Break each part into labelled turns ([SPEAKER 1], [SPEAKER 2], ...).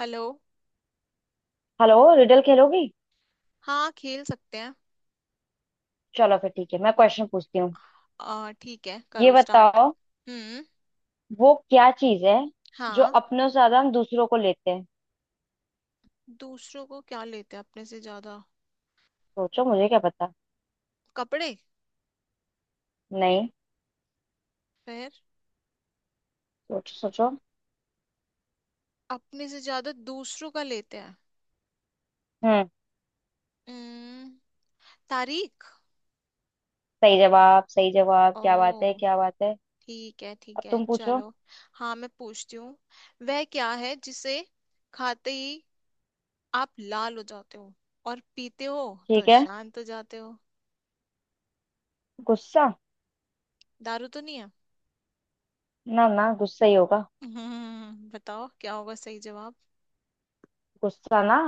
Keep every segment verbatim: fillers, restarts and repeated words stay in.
[SPEAKER 1] Hello.
[SPEAKER 2] Hello. Riddle खेलोगी।
[SPEAKER 1] हाँ, खेल सकते हैं।
[SPEAKER 2] चलो फिर ठीक है, मैं क्वेश्चन पूछती हूँ।
[SPEAKER 1] आ ठीक है,
[SPEAKER 2] ये
[SPEAKER 1] करो स्टार्ट।
[SPEAKER 2] बताओ,
[SPEAKER 1] हम्म।
[SPEAKER 2] वो क्या चीज है जो
[SPEAKER 1] हाँ।
[SPEAKER 2] अपनों से ज्यादा हम दूसरों को लेते हैं।
[SPEAKER 1] दूसरों को क्या लेते हैं अपने से ज्यादा?
[SPEAKER 2] सोचो, मुझे क्या पता।
[SPEAKER 1] कपड़े।
[SPEAKER 2] नहीं।
[SPEAKER 1] फिर?
[SPEAKER 2] सोचो सोचो।
[SPEAKER 1] अपने से ज्यादा दूसरों का लेते हैं।
[SPEAKER 2] हम्म।
[SPEAKER 1] हम्म। तारीख।
[SPEAKER 2] सही जवाब, सही जवाब, क्या बात है,
[SPEAKER 1] ओ।
[SPEAKER 2] क्या बात है।
[SPEAKER 1] ठीक है
[SPEAKER 2] अब
[SPEAKER 1] ठीक है
[SPEAKER 2] तुम पूछो।
[SPEAKER 1] चलो। हाँ मैं पूछती हूँ। वह क्या है जिसे खाते ही आप लाल हो जाते हो और पीते हो तो
[SPEAKER 2] ठीक है।
[SPEAKER 1] शांत हो जाते हो?
[SPEAKER 2] गुस्सा।
[SPEAKER 1] दारू तो नहीं है।
[SPEAKER 2] ना ना, गुस्सा ही होगा।
[SPEAKER 1] हम्म, बताओ क्या होगा सही जवाब।
[SPEAKER 2] गुस्सा ना।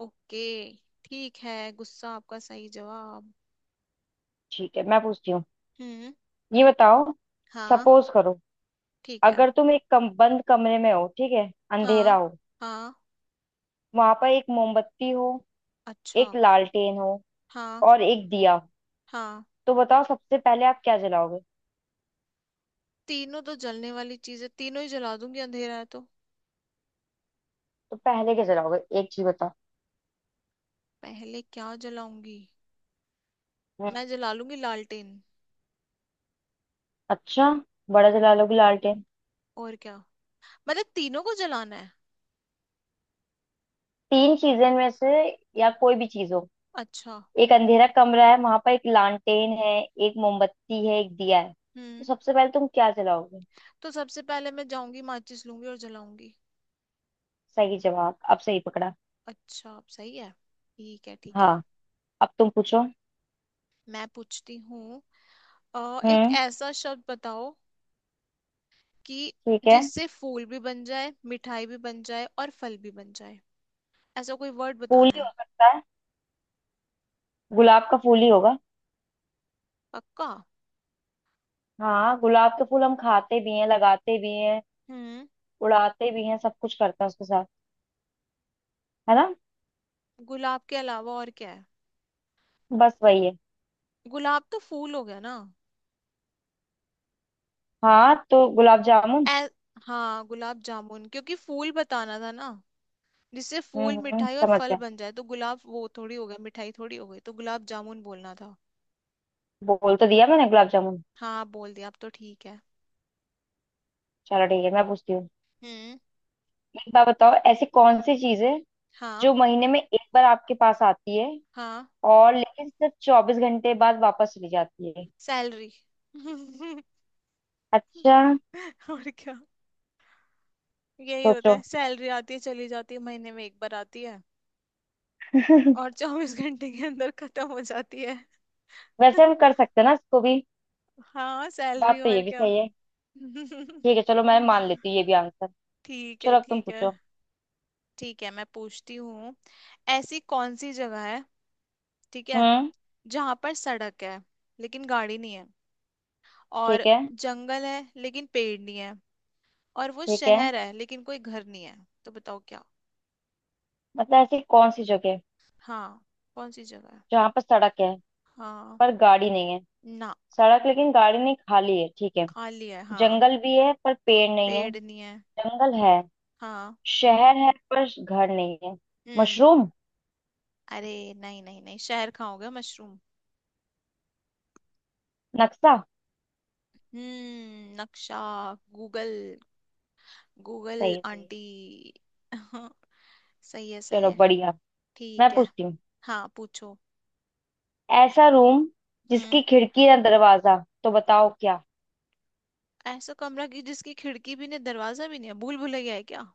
[SPEAKER 1] ओके। ठीक है, गुस्सा आपका सही जवाब।
[SPEAKER 2] ठीक है, मैं पूछती हूँ।
[SPEAKER 1] हम्म।
[SPEAKER 2] ये बताओ,
[SPEAKER 1] हाँ।
[SPEAKER 2] सपोज करो,
[SPEAKER 1] ठीक है।
[SPEAKER 2] अगर तुम एक कम, बंद कमरे में हो, ठीक है, अंधेरा
[SPEAKER 1] हाँ।
[SPEAKER 2] हो,
[SPEAKER 1] हाँ।
[SPEAKER 2] वहां पर एक मोमबत्ती हो,
[SPEAKER 1] अच्छा।
[SPEAKER 2] एक लालटेन हो,
[SPEAKER 1] हाँ।
[SPEAKER 2] और एक दिया।
[SPEAKER 1] हाँ।
[SPEAKER 2] तो बताओ, सबसे पहले आप क्या जलाओगे।
[SPEAKER 1] तीनों तो जलने वाली चीजें, तीनों ही जला दूंगी, अंधेरा है तो।
[SPEAKER 2] तो पहले क्या जलाओगे, एक चीज बताओ।
[SPEAKER 1] पहले क्या जलाऊंगी?
[SPEAKER 2] हम्म,
[SPEAKER 1] मैं जला लूंगी लालटेन।
[SPEAKER 2] अच्छा। बड़ा जला लोगे लालटेन।
[SPEAKER 1] और क्या, मतलब तीनों को जलाना है?
[SPEAKER 2] तीन चीजें में से, या कोई भी चीज हो।
[SPEAKER 1] अच्छा।
[SPEAKER 2] एक अंधेरा कमरा है, वहां पर एक लालटेन है, एक मोमबत्ती है, एक दिया है। तो
[SPEAKER 1] हम्म।
[SPEAKER 2] सबसे पहले तुम क्या जलाओगे।
[SPEAKER 1] तो सबसे पहले मैं जाऊंगी, माचिस लूंगी और जलाऊंगी।
[SPEAKER 2] सही जवाब, अब सही पकड़ा।
[SPEAKER 1] अच्छा, आप सही है। ठीक है ठीक है।
[SPEAKER 2] हाँ, अब तुम पूछो।
[SPEAKER 1] मैं पूछती हूँ। अ, एक
[SPEAKER 2] हम्म।
[SPEAKER 1] ऐसा शब्द बताओ कि
[SPEAKER 2] ठीक है।
[SPEAKER 1] जिससे फूल भी बन जाए, मिठाई भी बन जाए और फल भी बन जाए। ऐसा कोई वर्ड
[SPEAKER 2] फूल
[SPEAKER 1] बताना
[SPEAKER 2] ही
[SPEAKER 1] है।
[SPEAKER 2] हो सकता है। गुलाब का फूल ही होगा।
[SPEAKER 1] पक्का?
[SPEAKER 2] हाँ, गुलाब के फूल हम खाते भी हैं, लगाते भी हैं,
[SPEAKER 1] हम्म।
[SPEAKER 2] उड़ाते भी हैं, सब कुछ करते हैं उसके साथ। है ना।
[SPEAKER 1] गुलाब के अलावा और क्या है?
[SPEAKER 2] बस वही है।
[SPEAKER 1] गुलाब तो फूल हो गया ना।
[SPEAKER 2] हाँ, तो गुलाब जामुन।
[SPEAKER 1] ए, हाँ गुलाब जामुन, क्योंकि फूल बताना था ना, जिससे फूल,
[SPEAKER 2] हम्म हम्म,
[SPEAKER 1] मिठाई और
[SPEAKER 2] समझ
[SPEAKER 1] फल
[SPEAKER 2] गया।
[SPEAKER 1] बन जाए। तो गुलाब वो थोड़ी हो गया, मिठाई थोड़ी हो गई, तो गुलाब जामुन बोलना था।
[SPEAKER 2] बोल तो दिया मैंने गुलाब जामुन।
[SPEAKER 1] हाँ बोल दिया, अब तो ठीक है।
[SPEAKER 2] चलो ठीक है, मैं पूछती हूँ।
[SPEAKER 1] हम्म।
[SPEAKER 2] एक बात बताओ, ऐसी कौन सी चीज है
[SPEAKER 1] हाँ।
[SPEAKER 2] जो महीने में एक बार आपके पास आती है,
[SPEAKER 1] हाँ,
[SPEAKER 2] और लेकिन सिर्फ चौबीस घंटे बाद वापस चली जाती है।
[SPEAKER 1] सैलरी।
[SPEAKER 2] अच्छा।
[SPEAKER 1] और क्या, यही होता
[SPEAKER 2] सोचो।
[SPEAKER 1] है सैलरी। आती है चली जाती है, महीने में एक बार आती है और चौबीस घंटे के अंदर खत्म हो जाती है।
[SPEAKER 2] वैसे हम कर सकते हैं ना इसको भी।
[SPEAKER 1] हाँ सैलरी,
[SPEAKER 2] बात तो
[SPEAKER 1] और
[SPEAKER 2] ये भी
[SPEAKER 1] क्या।
[SPEAKER 2] सही है। ठीक है चलो, मैं मान लेती हूँ ये भी आंसर।
[SPEAKER 1] ठीक है
[SPEAKER 2] चलो अब तुम
[SPEAKER 1] ठीक है।
[SPEAKER 2] पूछो।
[SPEAKER 1] ठीक है मैं पूछती हूँ। ऐसी कौन सी जगह है, ठीक है,
[SPEAKER 2] हम्म।
[SPEAKER 1] जहां पर सड़क है लेकिन गाड़ी नहीं है, और
[SPEAKER 2] ठीक है।
[SPEAKER 1] जंगल है लेकिन पेड़ नहीं है, और वो
[SPEAKER 2] ठीक है।
[SPEAKER 1] शहर है लेकिन कोई घर नहीं है? तो बताओ क्या।
[SPEAKER 2] मतलब ऐसी कौन सी जगह है।
[SPEAKER 1] हाँ। कौन सी जगह है।
[SPEAKER 2] जहाँ पर सड़क है
[SPEAKER 1] हाँ।
[SPEAKER 2] पर गाड़ी नहीं है।
[SPEAKER 1] ना।
[SPEAKER 2] सड़क, लेकिन गाड़ी नहीं, खाली है, ठीक है।
[SPEAKER 1] खाली है हाँ।
[SPEAKER 2] जंगल भी है पर पेड़ नहीं है।
[SPEAKER 1] पेड़ नहीं है।
[SPEAKER 2] जंगल है।
[SPEAKER 1] हाँ।
[SPEAKER 2] शहर है पर घर नहीं है।
[SPEAKER 1] हम्म।
[SPEAKER 2] मशरूम।
[SPEAKER 1] अरे नहीं नहीं नहीं, शहर खाओगे मशरूम?
[SPEAKER 2] नक्शा।
[SPEAKER 1] हम्म, नक्शा। गूगल। गूगल।
[SPEAKER 2] सही है सही है।
[SPEAKER 1] आंटी। सही है सही
[SPEAKER 2] चलो
[SPEAKER 1] है।
[SPEAKER 2] बढ़िया।
[SPEAKER 1] ठीक
[SPEAKER 2] मैं
[SPEAKER 1] है।
[SPEAKER 2] पूछती हूँ।
[SPEAKER 1] हाँ पूछो।
[SPEAKER 2] ऐसा रूम जिसकी
[SPEAKER 1] हम्म।
[SPEAKER 2] खिड़की ना दरवाजा। तो बताओ क्या।
[SPEAKER 1] ऐसा कमरा की जिसकी खिड़की भी नहीं, दरवाजा भी नहीं है? भूल भुलैया है क्या?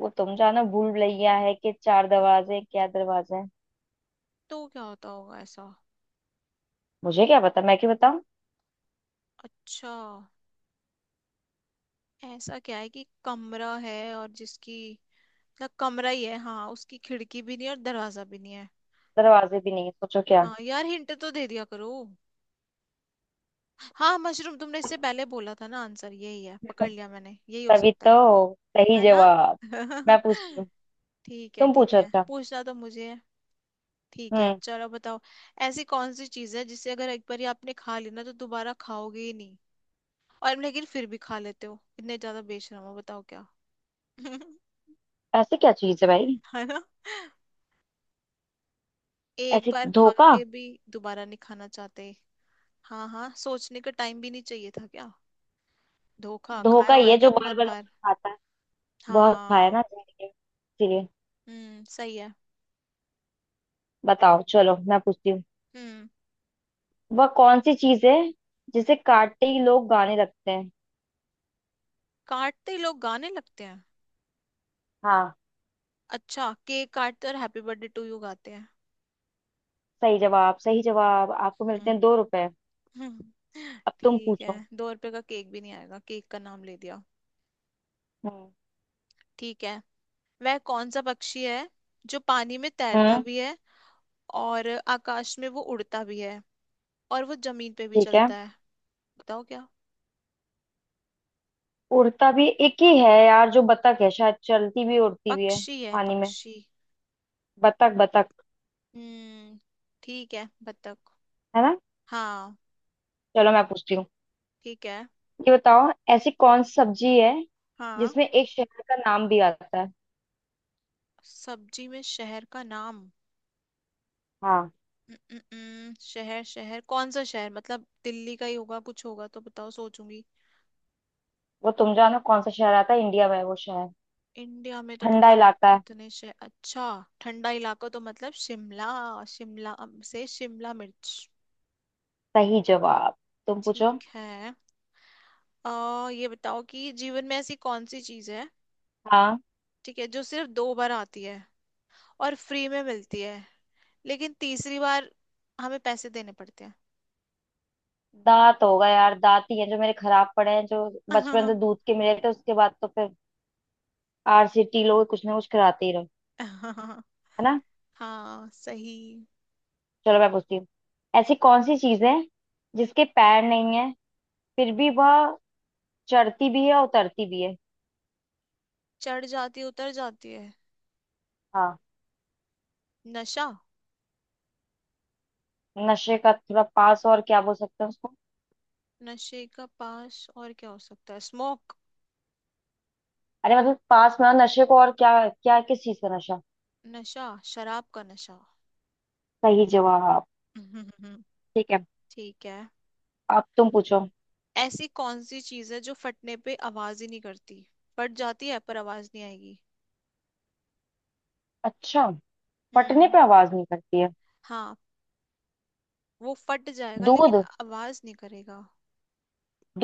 [SPEAKER 2] वो तुम जानो, भूल भुलैया है कि चार दरवाजे हैं, क्या दरवाजे हैं।
[SPEAKER 1] तो क्या होता होगा ऐसा?
[SPEAKER 2] मुझे क्या पता, मैं क्यों बताऊँ।
[SPEAKER 1] अच्छा। ऐसा क्या है कि कमरा है और जिसकी, मतलब कमरा ही है हाँ, उसकी खिड़की भी नहीं और दरवाजा भी नहीं है।
[SPEAKER 2] दरवाजे भी नहीं है, सोचो क्या।
[SPEAKER 1] हाँ यार, हिंट तो दे दिया करो। हाँ, मशरूम तुमने इससे पहले बोला था ना, आंसर यही है, पकड़ लिया मैंने, यही हो
[SPEAKER 2] तभी
[SPEAKER 1] सकता है।
[SPEAKER 2] तो सही
[SPEAKER 1] है ना।
[SPEAKER 2] जवाब। मैं पूछती हूँ।
[SPEAKER 1] ठीक है
[SPEAKER 2] तुम
[SPEAKER 1] ठीक
[SPEAKER 2] पूछो।
[SPEAKER 1] है,
[SPEAKER 2] अच्छा।
[SPEAKER 1] पूछना तो मुझे है। ठीक है
[SPEAKER 2] हम्म।
[SPEAKER 1] चलो बताओ। ऐसी कौन सी चीज है जिसे अगर एक बार आपने खा ली ना, तो दोबारा खाओगे ही नहीं, और लेकिन फिर भी खा लेते हो, इतने ज्यादा बेशरम हो, बताओ क्या।
[SPEAKER 2] ऐसी क्या चीज है भाई।
[SPEAKER 1] है ना, एक
[SPEAKER 2] ऐसे
[SPEAKER 1] बार खा
[SPEAKER 2] धोखा।
[SPEAKER 1] के भी दोबारा नहीं खाना चाहते। हाँ हाँ, सोचने का टाइम भी नहीं चाहिए था क्या, धोखा खाया
[SPEAKER 2] धोखा
[SPEAKER 1] हुआ है
[SPEAKER 2] ये
[SPEAKER 1] क्या
[SPEAKER 2] जो बार
[SPEAKER 1] बहुत
[SPEAKER 2] बार
[SPEAKER 1] बार।
[SPEAKER 2] खाता है। बहुत खाया
[SPEAKER 1] हाँ।
[SPEAKER 2] ना जाने के। इसीलिए
[SPEAKER 1] हम्म सही है।
[SPEAKER 2] बताओ। चलो मैं पूछती हूँ।
[SPEAKER 1] हम्म।
[SPEAKER 2] वह कौन सी चीज है जिसे काटते ही लोग गाने लगते हैं।
[SPEAKER 1] काटते ही लोग गाने लगते हैं।
[SPEAKER 2] हाँ,
[SPEAKER 1] अच्छा, केक काटते और हैप्पी बर्थडे टू यू गाते हैं।
[SPEAKER 2] सही जवाब, सही जवाब। आपको मिलते
[SPEAKER 1] हम्म।
[SPEAKER 2] हैं दो रुपए।
[SPEAKER 1] हम्म।
[SPEAKER 2] अब तुम
[SPEAKER 1] ठीक है,
[SPEAKER 2] पूछो।
[SPEAKER 1] दो रुपए का केक भी नहीं आएगा, केक का नाम ले दिया।
[SPEAKER 2] हम्म।
[SPEAKER 1] ठीक है। वह कौन सा पक्षी है जो पानी में तैरता
[SPEAKER 2] हम्म,
[SPEAKER 1] भी है, और आकाश में वो उड़ता भी है, और वो जमीन पे भी
[SPEAKER 2] ठीक है।
[SPEAKER 1] चलता है? बताओ क्या।
[SPEAKER 2] उड़ता भी एक ही है यार, जो बतख है शायद, चलती भी उड़ती भी है।
[SPEAKER 1] पक्षी है
[SPEAKER 2] पानी में।
[SPEAKER 1] पक्षी।
[SPEAKER 2] बतख बतख।
[SPEAKER 1] हम्म। ठीक है बत्तख।
[SPEAKER 2] है ना।
[SPEAKER 1] हाँ।
[SPEAKER 2] चलो मैं पूछती हूँ।
[SPEAKER 1] ठीक है।
[SPEAKER 2] ये बताओ, ऐसी कौन सी सब्जी है
[SPEAKER 1] हाँ।
[SPEAKER 2] जिसमें एक शहर का नाम भी आता है।
[SPEAKER 1] सब्जी में शहर का नाम?
[SPEAKER 2] हाँ।
[SPEAKER 1] हम्म, शहर शहर कौन सा शहर, मतलब दिल्ली का ही होगा कुछ, होगा तो बताओ सोचूंगी।
[SPEAKER 2] वो तुम जानो कौन सा शहर आता है, इंडिया में वो शहर।
[SPEAKER 1] इंडिया में तो
[SPEAKER 2] ठंडा
[SPEAKER 1] पता नहीं
[SPEAKER 2] इलाका है।
[SPEAKER 1] कितने शहर। अच्छा। ठंडा इलाका तो मतलब शिमला। शिमला अम, से शिमला मिर्च।
[SPEAKER 2] सही जवाब। तुम पूछो।
[SPEAKER 1] ठीक है। आ, ये बताओ कि जीवन में ऐसी कौन सी चीज है,
[SPEAKER 2] हाँ।
[SPEAKER 1] ठीक है, जो सिर्फ दो बार आती है और फ्री में मिलती है, लेकिन तीसरी बार हमें पैसे देने पड़ते हैं।
[SPEAKER 2] दांत होगा यार, दांत ही है जो मेरे खराब पड़े हैं, जो बचपन से दूध के मिले थे, उसके बाद तो फिर आर सी टी लोग कुछ ना कुछ कराते ही रहो। है ना।
[SPEAKER 1] हाँ सही।
[SPEAKER 2] चलो मैं पूछती हूँ। ऐसी कौन सी चीज है जिसके पैर नहीं है, फिर भी वह चढ़ती भी है और उतरती भी है।
[SPEAKER 1] चढ़ जाती है, उतर जाती है।
[SPEAKER 2] हाँ।
[SPEAKER 1] नशा।
[SPEAKER 2] नशे का थोड़ा पास, और क्या बोल सकते हैं उसको।
[SPEAKER 1] नशे का पास और क्या हो सकता है, स्मोक?
[SPEAKER 2] अरे मतलब, पास में, और नशे को और क्या क्या, किस चीज का नशा।
[SPEAKER 1] नशा, शराब का नशा।
[SPEAKER 2] सही जवाब। ठीक है।
[SPEAKER 1] ठीक है।
[SPEAKER 2] अब तुम पूछो।
[SPEAKER 1] ऐसी कौन सी चीज है जो फटने पे आवाज ही नहीं करती, फट जाती है पर आवाज नहीं आएगी।
[SPEAKER 2] अच्छा। फटने
[SPEAKER 1] हम्म।
[SPEAKER 2] पे आवाज नहीं करती है।
[SPEAKER 1] हाँ। वो फट जाएगा लेकिन
[SPEAKER 2] दूध।
[SPEAKER 1] आवाज नहीं करेगा।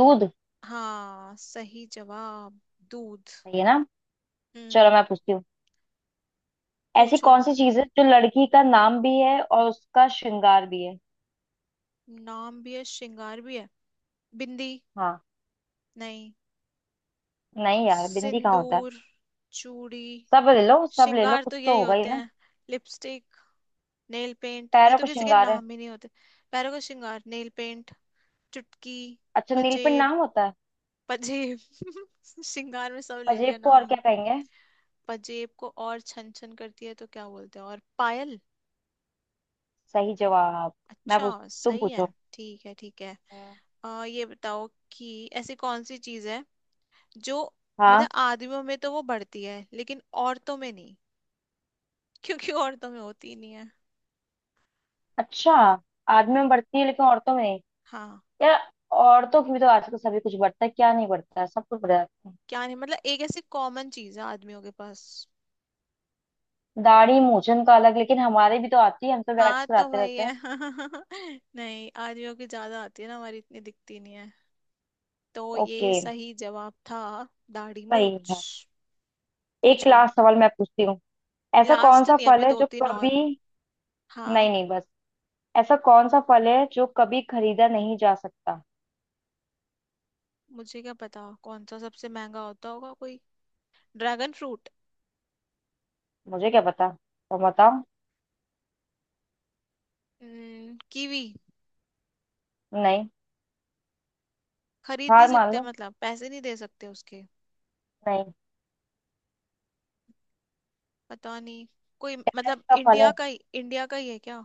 [SPEAKER 2] दूध।
[SPEAKER 1] हाँ सही जवाब, दूध।
[SPEAKER 2] सही है ना। चलो
[SPEAKER 1] हम्म।
[SPEAKER 2] मैं पूछती हूँ। ऐसी
[SPEAKER 1] पूछो।
[SPEAKER 2] कौन सी चीज है जो लड़की का नाम भी है और उसका श्रृंगार भी है।
[SPEAKER 1] नाम भी है, श्रृंगार भी है। बिंदी।
[SPEAKER 2] हाँ।
[SPEAKER 1] नहीं।
[SPEAKER 2] नहीं यार, बिंदी कहाँ होता है।
[SPEAKER 1] सिंदूर। चूड़ी।
[SPEAKER 2] सब ले लो, सब ले लो,
[SPEAKER 1] श्रृंगार तो
[SPEAKER 2] कुछ तो
[SPEAKER 1] यही
[SPEAKER 2] होगा ही
[SPEAKER 1] होते
[SPEAKER 2] ना।
[SPEAKER 1] हैं। लिपस्टिक, नेल पेंट, ये
[SPEAKER 2] पैरों
[SPEAKER 1] तो
[SPEAKER 2] को
[SPEAKER 1] किसी के
[SPEAKER 2] श्रृंगार है।
[SPEAKER 1] नाम ही नहीं होते। पैरों का श्रृंगार नेल पेंट? चुटकी?
[SPEAKER 2] अच्छा, नीलपिंड
[SPEAKER 1] पजेब।
[SPEAKER 2] नाम होता है।
[SPEAKER 1] पजेब। श्रृंगार में सब ले
[SPEAKER 2] अजेब
[SPEAKER 1] लिया
[SPEAKER 2] को और
[SPEAKER 1] नाम।
[SPEAKER 2] क्या कहेंगे।
[SPEAKER 1] पजेब को और, छन छन करती है तो क्या बोलते हैं, और पायल।
[SPEAKER 2] सही जवाब। मैं
[SPEAKER 1] अच्छा
[SPEAKER 2] पूछ तुम
[SPEAKER 1] सही है।
[SPEAKER 2] पूछो।
[SPEAKER 1] ठीक है ठीक है।
[SPEAKER 2] हम्म,
[SPEAKER 1] आ, ये बताओ कि ऐसी कौन सी चीज है जो,
[SPEAKER 2] हाँ।
[SPEAKER 1] मतलब आदमियों में तो वो बढ़ती है लेकिन औरतों में नहीं, क्योंकि औरतों में होती ही नहीं है।
[SPEAKER 2] अच्छा, आदमी में बढ़ती है लेकिन औरतों में नहीं।
[SPEAKER 1] हाँ।
[SPEAKER 2] यार, औरतों की भी तो आजकल सभी कुछ बढ़ता है, क्या नहीं बढ़ता है, सब कुछ बढ़ जाता है।
[SPEAKER 1] क्या नहीं, मतलब एक ऐसी कॉमन चीज है आदमियों के पास।
[SPEAKER 2] दाढ़ी मूंछन का अलग, लेकिन हमारे भी तो आती है, हम तो वैक्स
[SPEAKER 1] हाँ तो
[SPEAKER 2] कराते
[SPEAKER 1] वही
[SPEAKER 2] रहते
[SPEAKER 1] है।
[SPEAKER 2] हैं।
[SPEAKER 1] नहीं, आदमियों की ज्यादा आती है ना, हमारी इतनी दिखती नहीं है, तो
[SPEAKER 2] ओके।
[SPEAKER 1] ये सही जवाब था, दाढ़ी
[SPEAKER 2] सही
[SPEAKER 1] मूछ।
[SPEAKER 2] है। एक
[SPEAKER 1] पूछो।
[SPEAKER 2] लास्ट सवाल मैं पूछती हूँ। ऐसा कौन
[SPEAKER 1] लास्ट
[SPEAKER 2] सा
[SPEAKER 1] नहीं,
[SPEAKER 2] फल
[SPEAKER 1] अभी
[SPEAKER 2] है
[SPEAKER 1] दो
[SPEAKER 2] जो
[SPEAKER 1] तीन
[SPEAKER 2] कभी।
[SPEAKER 1] और। हाँ।
[SPEAKER 2] नहीं नहीं बस। ऐसा कौन सा फल है जो कभी खरीदा नहीं जा सकता।
[SPEAKER 1] मुझे क्या पता कौन सा सबसे महंगा होता होगा, कोई ड्रैगन फ्रूट।
[SPEAKER 2] मुझे क्या पता, तो बताओ।
[SPEAKER 1] हम्म, कीवी।
[SPEAKER 2] नहीं।
[SPEAKER 1] खरीद नहीं
[SPEAKER 2] हार मान
[SPEAKER 1] सकते
[SPEAKER 2] लो।
[SPEAKER 1] मतलब, पैसे नहीं दे सकते उसके?
[SPEAKER 2] नहीं।
[SPEAKER 1] पता नहीं, कोई मतलब
[SPEAKER 2] ऐसा फल
[SPEAKER 1] इंडिया
[SPEAKER 2] है,
[SPEAKER 1] का ही, इंडिया का ही है क्या?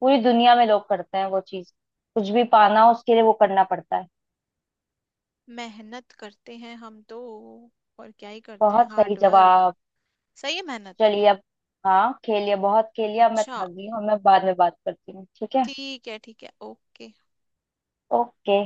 [SPEAKER 2] पूरी दुनिया में लोग करते हैं वो चीज, कुछ भी पाना हो उसके लिए वो करना पड़ता है।
[SPEAKER 1] मेहनत करते हैं हम तो, और क्या ही करते हैं,
[SPEAKER 2] बहुत सही
[SPEAKER 1] हार्ड वर्क।
[SPEAKER 2] जवाब।
[SPEAKER 1] सही है, मेहनत।
[SPEAKER 2] चलिए अब। हाँ, खेलिए, बहुत खेलिए, अब मैं
[SPEAKER 1] अच्छा।
[SPEAKER 2] थक गई हूँ, मैं बाद में बात करती हूँ, ठीक है।
[SPEAKER 1] ठीक है ठीक है ओके।
[SPEAKER 2] ओके।